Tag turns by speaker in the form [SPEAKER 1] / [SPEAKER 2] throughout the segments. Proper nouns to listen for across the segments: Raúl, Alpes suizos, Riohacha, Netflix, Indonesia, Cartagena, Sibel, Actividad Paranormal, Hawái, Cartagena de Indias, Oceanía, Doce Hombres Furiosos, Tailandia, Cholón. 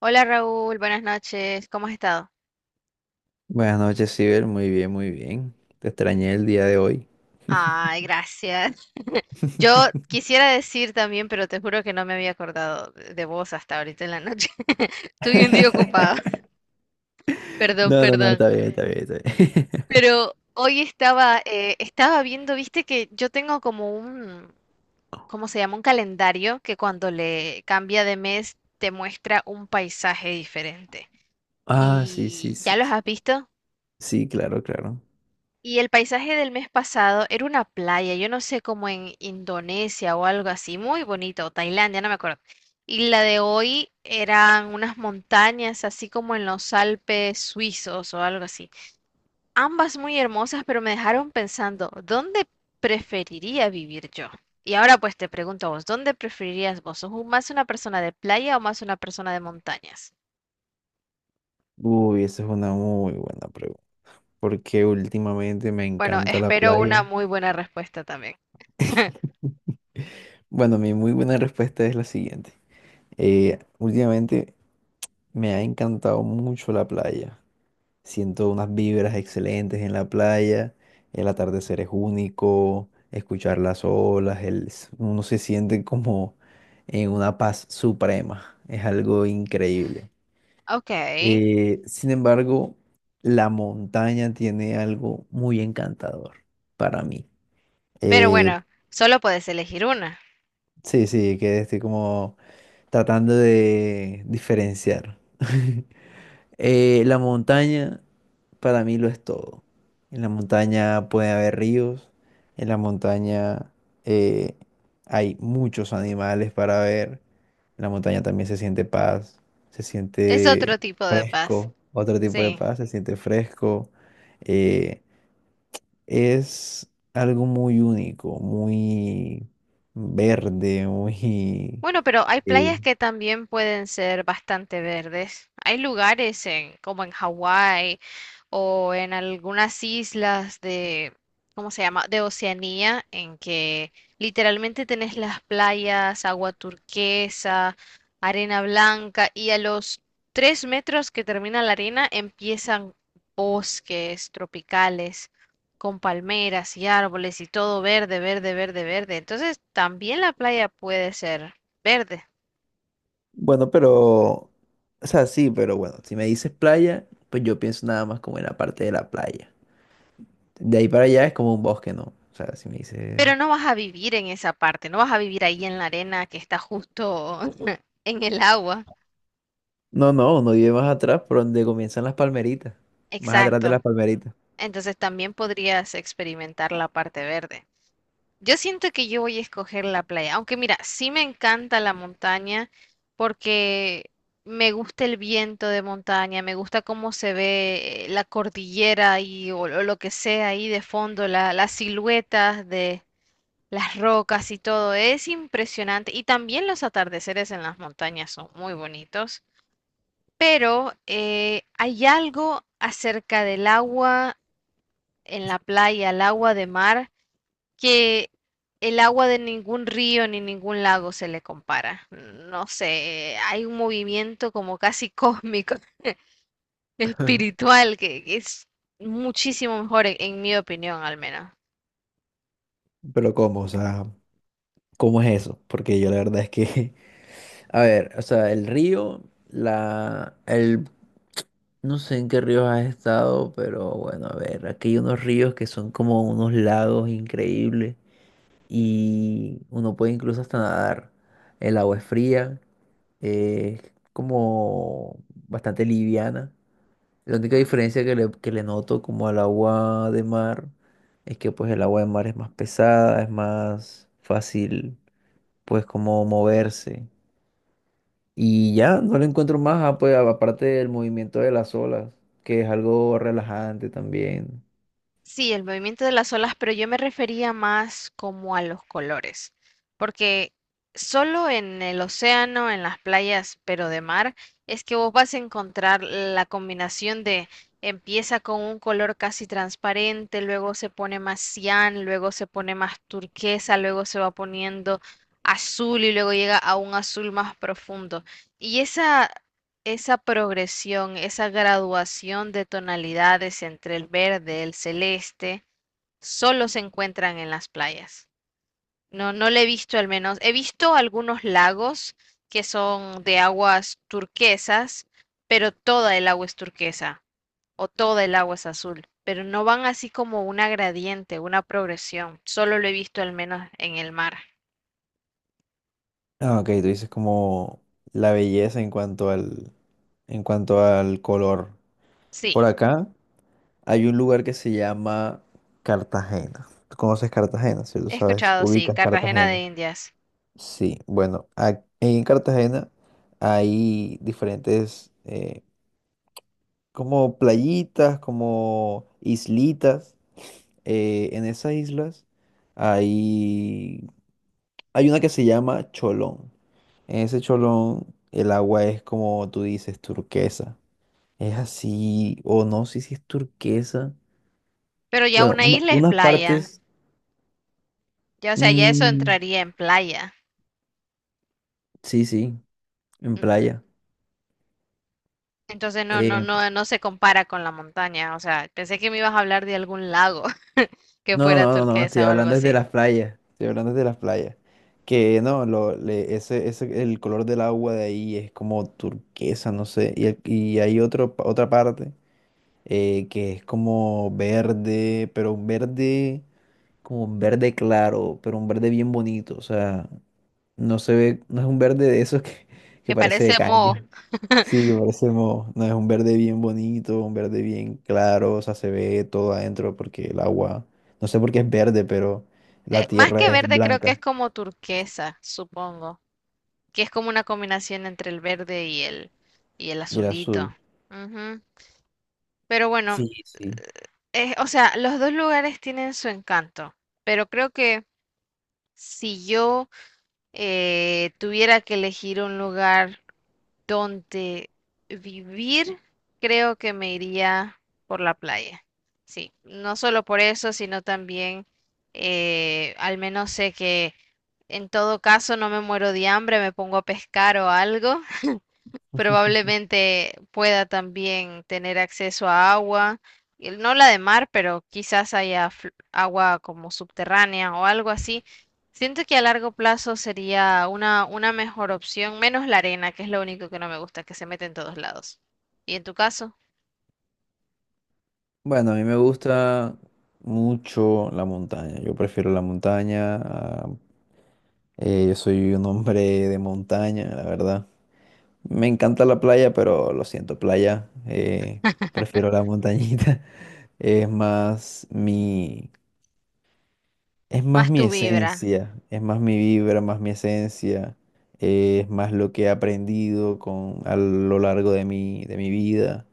[SPEAKER 1] Hola Raúl, buenas noches, ¿cómo has estado?
[SPEAKER 2] Buenas noches, Sibel. Muy bien, muy bien. Te extrañé el día de hoy.
[SPEAKER 1] Ay, gracias. Yo quisiera decir también, pero te juro que no me había acordado de vos hasta ahorita en la noche. Tuve un día ocupado, perdón,
[SPEAKER 2] No,
[SPEAKER 1] perdón.
[SPEAKER 2] está bien, está bien.
[SPEAKER 1] Pero hoy estaba, estaba viendo, viste que yo tengo como un, ¿cómo se llama? Un calendario que cuando le cambia de mes te muestra un paisaje diferente.
[SPEAKER 2] Ah, sí, sí,
[SPEAKER 1] ¿Y
[SPEAKER 2] sí.
[SPEAKER 1] ya los
[SPEAKER 2] Sí.
[SPEAKER 1] has visto?
[SPEAKER 2] Sí, claro.
[SPEAKER 1] Y el paisaje del mes pasado era una playa, yo no sé, como en Indonesia o algo así, muy bonito, o Tailandia, no me acuerdo. Y la de hoy eran unas montañas, así como en los Alpes suizos o algo así. Ambas muy hermosas, pero me dejaron pensando, ¿dónde preferiría vivir yo? Y ahora pues te pregunto a vos, ¿dónde preferirías vos? Más una persona de playa o más una persona de montañas?
[SPEAKER 2] Uy, esa es una muy buena pregunta. Porque últimamente me
[SPEAKER 1] Bueno,
[SPEAKER 2] encanta la
[SPEAKER 1] espero una
[SPEAKER 2] playa.
[SPEAKER 1] muy buena respuesta también.
[SPEAKER 2] Bueno, mi muy buena respuesta es la siguiente. Últimamente me ha encantado mucho la playa. Siento unas vibras excelentes en la playa, el atardecer es único, escuchar las olas, uno se siente como en una paz suprema, es algo increíble.
[SPEAKER 1] Ok.
[SPEAKER 2] Sin embargo, la montaña tiene algo muy encantador para mí.
[SPEAKER 1] Pero
[SPEAKER 2] Eh,
[SPEAKER 1] bueno, solo puedes elegir una.
[SPEAKER 2] sí, que estoy como tratando de diferenciar. La montaña para mí lo es todo. En la montaña puede haber ríos, en la montaña eh, hay muchos animales para ver, en la montaña también se siente paz, se
[SPEAKER 1] Es otro
[SPEAKER 2] siente
[SPEAKER 1] tipo de paz.
[SPEAKER 2] fresco, otro tipo de
[SPEAKER 1] Sí.
[SPEAKER 2] paz, se siente fresco. eh, es algo muy único, muy verde, muy...
[SPEAKER 1] Bueno, pero hay
[SPEAKER 2] eh,
[SPEAKER 1] playas que también pueden ser bastante verdes. Hay lugares en, como en Hawái o en algunas islas de, ¿cómo se llama? De Oceanía, en que literalmente tenés las playas, agua turquesa, arena blanca y a los tres metros que termina la arena empiezan bosques tropicales con palmeras y árboles y todo verde, verde, verde, verde. Entonces también la playa puede ser verde.
[SPEAKER 2] Bueno, pero, o sea, sí, pero bueno, si me dices playa, pues yo pienso nada más como en la parte de la playa. De ahí para allá es como un bosque, ¿no? O sea, si me dices...
[SPEAKER 1] Pero no vas a vivir en esa parte, no vas a vivir ahí en la arena que está justo en el agua.
[SPEAKER 2] No, uno vive más atrás, por donde comienzan las palmeritas. Más atrás de
[SPEAKER 1] Exacto.
[SPEAKER 2] las palmeritas.
[SPEAKER 1] Entonces también podrías experimentar la parte verde. Yo siento que yo voy a escoger la playa, aunque mira, sí me encanta la montaña porque me gusta el viento de montaña, me gusta cómo se ve la cordillera y o lo que sea ahí de fondo, las siluetas de, las rocas y todo, es impresionante. Y también los atardeceres en las montañas son muy bonitos, pero hay algo acerca del agua en la playa, el agua de mar, que el agua de ningún río ni ningún lago se le compara. No sé, hay un movimiento como casi cósmico, espiritual, que es muchísimo mejor, en mi opinión al menos.
[SPEAKER 2] Pero ¿cómo? O sea, ¿cómo es eso? Porque yo la verdad es que, a ver, o sea, el río, la, el, no sé en qué ríos has estado, pero bueno, a ver, aquí hay unos ríos que son como unos lagos increíbles. Y uno puede incluso hasta nadar. El agua es fría, es como bastante liviana. La única
[SPEAKER 1] Ujú.
[SPEAKER 2] diferencia que le noto como al agua de mar es que pues el agua de mar es más pesada, es más fácil pues como moverse. Y ya, no le encuentro más, ah, pues aparte del movimiento de las olas, que es algo relajante también.
[SPEAKER 1] Sí, el movimiento de las olas, pero yo me refería más como a los colores, porque solo en el océano, en las playas, pero de mar, es que vos vas a encontrar la combinación de empieza con un color casi transparente, luego se pone más cian, luego se pone más turquesa, luego se va poniendo azul y luego llega a un azul más profundo. Y esa progresión, esa graduación de tonalidades entre el verde, el celeste, solo se encuentran en las playas. No, no le he visto al menos. He visto algunos lagos que son de aguas turquesas, pero toda el agua es turquesa o toda el agua es azul, pero no van así como una gradiente, una progresión. Solo lo he visto al menos en el mar.
[SPEAKER 2] Ah, ok, tú dices como la belleza en cuanto al color.
[SPEAKER 1] Sí,
[SPEAKER 2] Por acá hay un lugar que se llama Cartagena. ¿Tú conoces Cartagena, cierto?
[SPEAKER 1] he
[SPEAKER 2] ¿Sabes?
[SPEAKER 1] escuchado, sí,
[SPEAKER 2] Ubicas
[SPEAKER 1] Cartagena de
[SPEAKER 2] Cartagena.
[SPEAKER 1] Indias.
[SPEAKER 2] Sí, bueno, en Cartagena hay diferentes como playitas, como islitas. En esas islas hay, hay una que se llama Cholón. En ese Cholón el agua es como tú dices, turquesa. Es así, o no sé si es turquesa.
[SPEAKER 1] Pero ya
[SPEAKER 2] Bueno,
[SPEAKER 1] una isla es
[SPEAKER 2] unas
[SPEAKER 1] playa.
[SPEAKER 2] partes.
[SPEAKER 1] Ya, o sea, ya eso
[SPEAKER 2] Mm,
[SPEAKER 1] entraría en playa.
[SPEAKER 2] sí, en
[SPEAKER 1] Ujú.
[SPEAKER 2] playa.
[SPEAKER 1] Entonces no, no,
[SPEAKER 2] Eh,
[SPEAKER 1] no, no se compara con la montaña. O sea, pensé que me ibas a hablar de algún lago que
[SPEAKER 2] no,
[SPEAKER 1] fuera
[SPEAKER 2] no, no, no, no, estoy
[SPEAKER 1] turquesa o algo
[SPEAKER 2] hablando desde
[SPEAKER 1] así.
[SPEAKER 2] las playas. Estoy hablando desde las playas. Que no, ese, el color del agua de ahí es como turquesa, no sé. Y, y hay otra parte que es como verde, pero como un verde claro, pero un verde bien bonito. O sea, no se ve, no es un verde de esos
[SPEAKER 1] Que
[SPEAKER 2] que parece de
[SPEAKER 1] parece mo,
[SPEAKER 2] caña. Sí, que parece moho. No, es un verde bien bonito, un verde bien claro, o sea, se ve todo adentro porque el agua, no sé por qué es verde, pero la
[SPEAKER 1] más
[SPEAKER 2] tierra
[SPEAKER 1] que
[SPEAKER 2] es
[SPEAKER 1] verde creo que
[SPEAKER 2] blanca
[SPEAKER 1] es como turquesa, supongo. Que es como una combinación entre el verde y el
[SPEAKER 2] y el azul.
[SPEAKER 1] azulito. Ujú. Pero bueno,
[SPEAKER 2] Sí.
[SPEAKER 1] o sea, los dos lugares tienen su encanto. Pero creo que si yo tuviera que elegir un lugar donde vivir, creo que me iría por la playa. Sí, no solo por eso, sino también al menos sé que en todo caso no me muero de hambre, me pongo a pescar o algo. Probablemente pueda también tener acceso a agua, no la de mar, pero quizás haya agua como subterránea o algo así. Siento que a largo plazo sería una mejor opción, menos la arena, que es lo único que no me gusta, que se mete en todos lados. Y en tu caso,
[SPEAKER 2] Bueno, a mí me gusta mucho la montaña. Yo prefiero la montaña. Yo soy un hombre de montaña, la verdad. Me encanta la playa, pero lo siento, playa. Prefiero la montañita. Es más mi, es más
[SPEAKER 1] más
[SPEAKER 2] mi
[SPEAKER 1] tu vibra.
[SPEAKER 2] esencia, es más mi vibra, más mi esencia, es más lo que he aprendido con, a lo largo de de mi vida.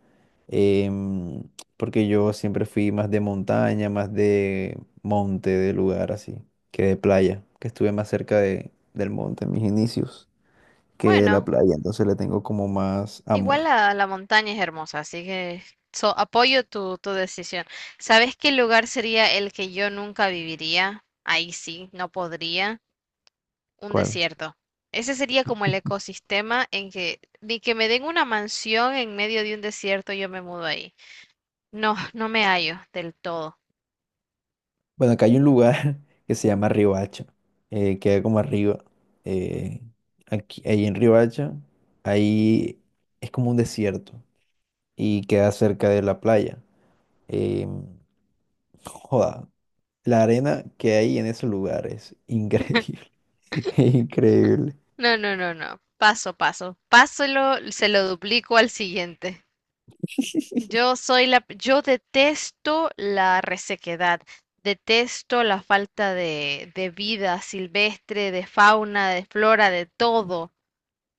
[SPEAKER 2] em, Porque yo siempre fui más de montaña, más de monte, de lugar así, que de playa, que estuve más cerca de, del monte en mis inicios que de la
[SPEAKER 1] Bueno,
[SPEAKER 2] playa, entonces le tengo como más
[SPEAKER 1] igual
[SPEAKER 2] amor.
[SPEAKER 1] la montaña es hermosa, así que apoyo tu decisión. ¿Sabes qué lugar sería el que yo nunca viviría? Ahí sí, no podría. Un
[SPEAKER 2] ¿Cuál?
[SPEAKER 1] desierto. Ese sería como el ecosistema en que ni que me den una mansión en medio de un desierto, yo me mudo ahí. No, no me hallo del todo.
[SPEAKER 2] Bueno, acá hay un lugar que se llama Riohacha, queda como arriba. eh, Ahí en Riohacha, ahí es como un desierto y queda cerca de la playa. Eh, Joda, la arena que hay en ese lugar es increíble, increíble.
[SPEAKER 1] No, no, no, no. Paso, paso. Páselo, se lo duplico al siguiente. Yo detesto la resequedad, detesto la falta de vida silvestre, de fauna, de flora, de todo.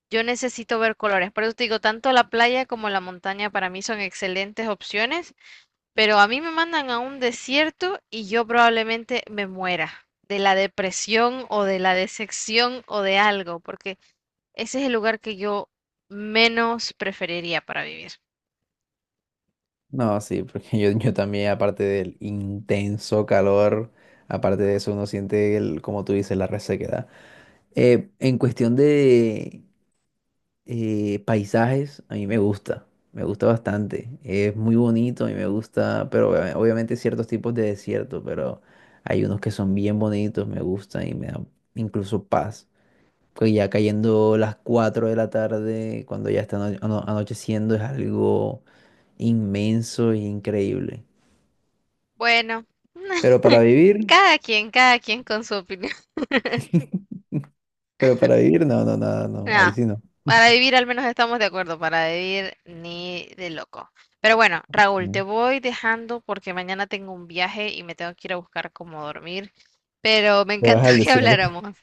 [SPEAKER 1] Yo necesito ver colores. Por eso te digo, tanto la playa como la montaña para mí son excelentes opciones. Pero a mí me mandan a un desierto y yo probablemente me muera de la depresión o de la decepción o de algo, porque ese es el lugar que yo menos preferiría para vivir.
[SPEAKER 2] No, sí, porque yo también, aparte del intenso calor, aparte de eso, uno siente, el, como tú dices, la resequedad. En cuestión de paisajes, a mí me gusta bastante. Es muy bonito, a mí me gusta, pero obviamente ciertos tipos de desierto, pero hay unos que son bien bonitos, me gustan y me dan incluso paz. Pues ya cayendo las 4 de la tarde, cuando ya está anocheciendo, es algo inmenso e increíble.
[SPEAKER 1] Bueno,
[SPEAKER 2] Pero para vivir,
[SPEAKER 1] cada quien con su opinión.
[SPEAKER 2] pero para vivir, no, ahí
[SPEAKER 1] Nah,
[SPEAKER 2] sí no.
[SPEAKER 1] para vivir al menos estamos de acuerdo, para vivir ni de loco. Pero bueno, Raúl, te
[SPEAKER 2] Mm.
[SPEAKER 1] voy dejando porque mañana tengo un viaje y me tengo que ir a buscar cómo dormir, pero me
[SPEAKER 2] Te vas
[SPEAKER 1] encantó
[SPEAKER 2] al
[SPEAKER 1] que
[SPEAKER 2] desierto.
[SPEAKER 1] habláramos.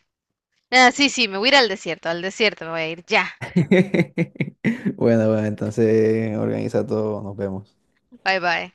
[SPEAKER 1] Ah, sí, sí, me voy a ir al desierto me voy a ir, ya.
[SPEAKER 2] Bueno, bueno, entonces organiza todo, nos vemos.
[SPEAKER 1] Bye bye.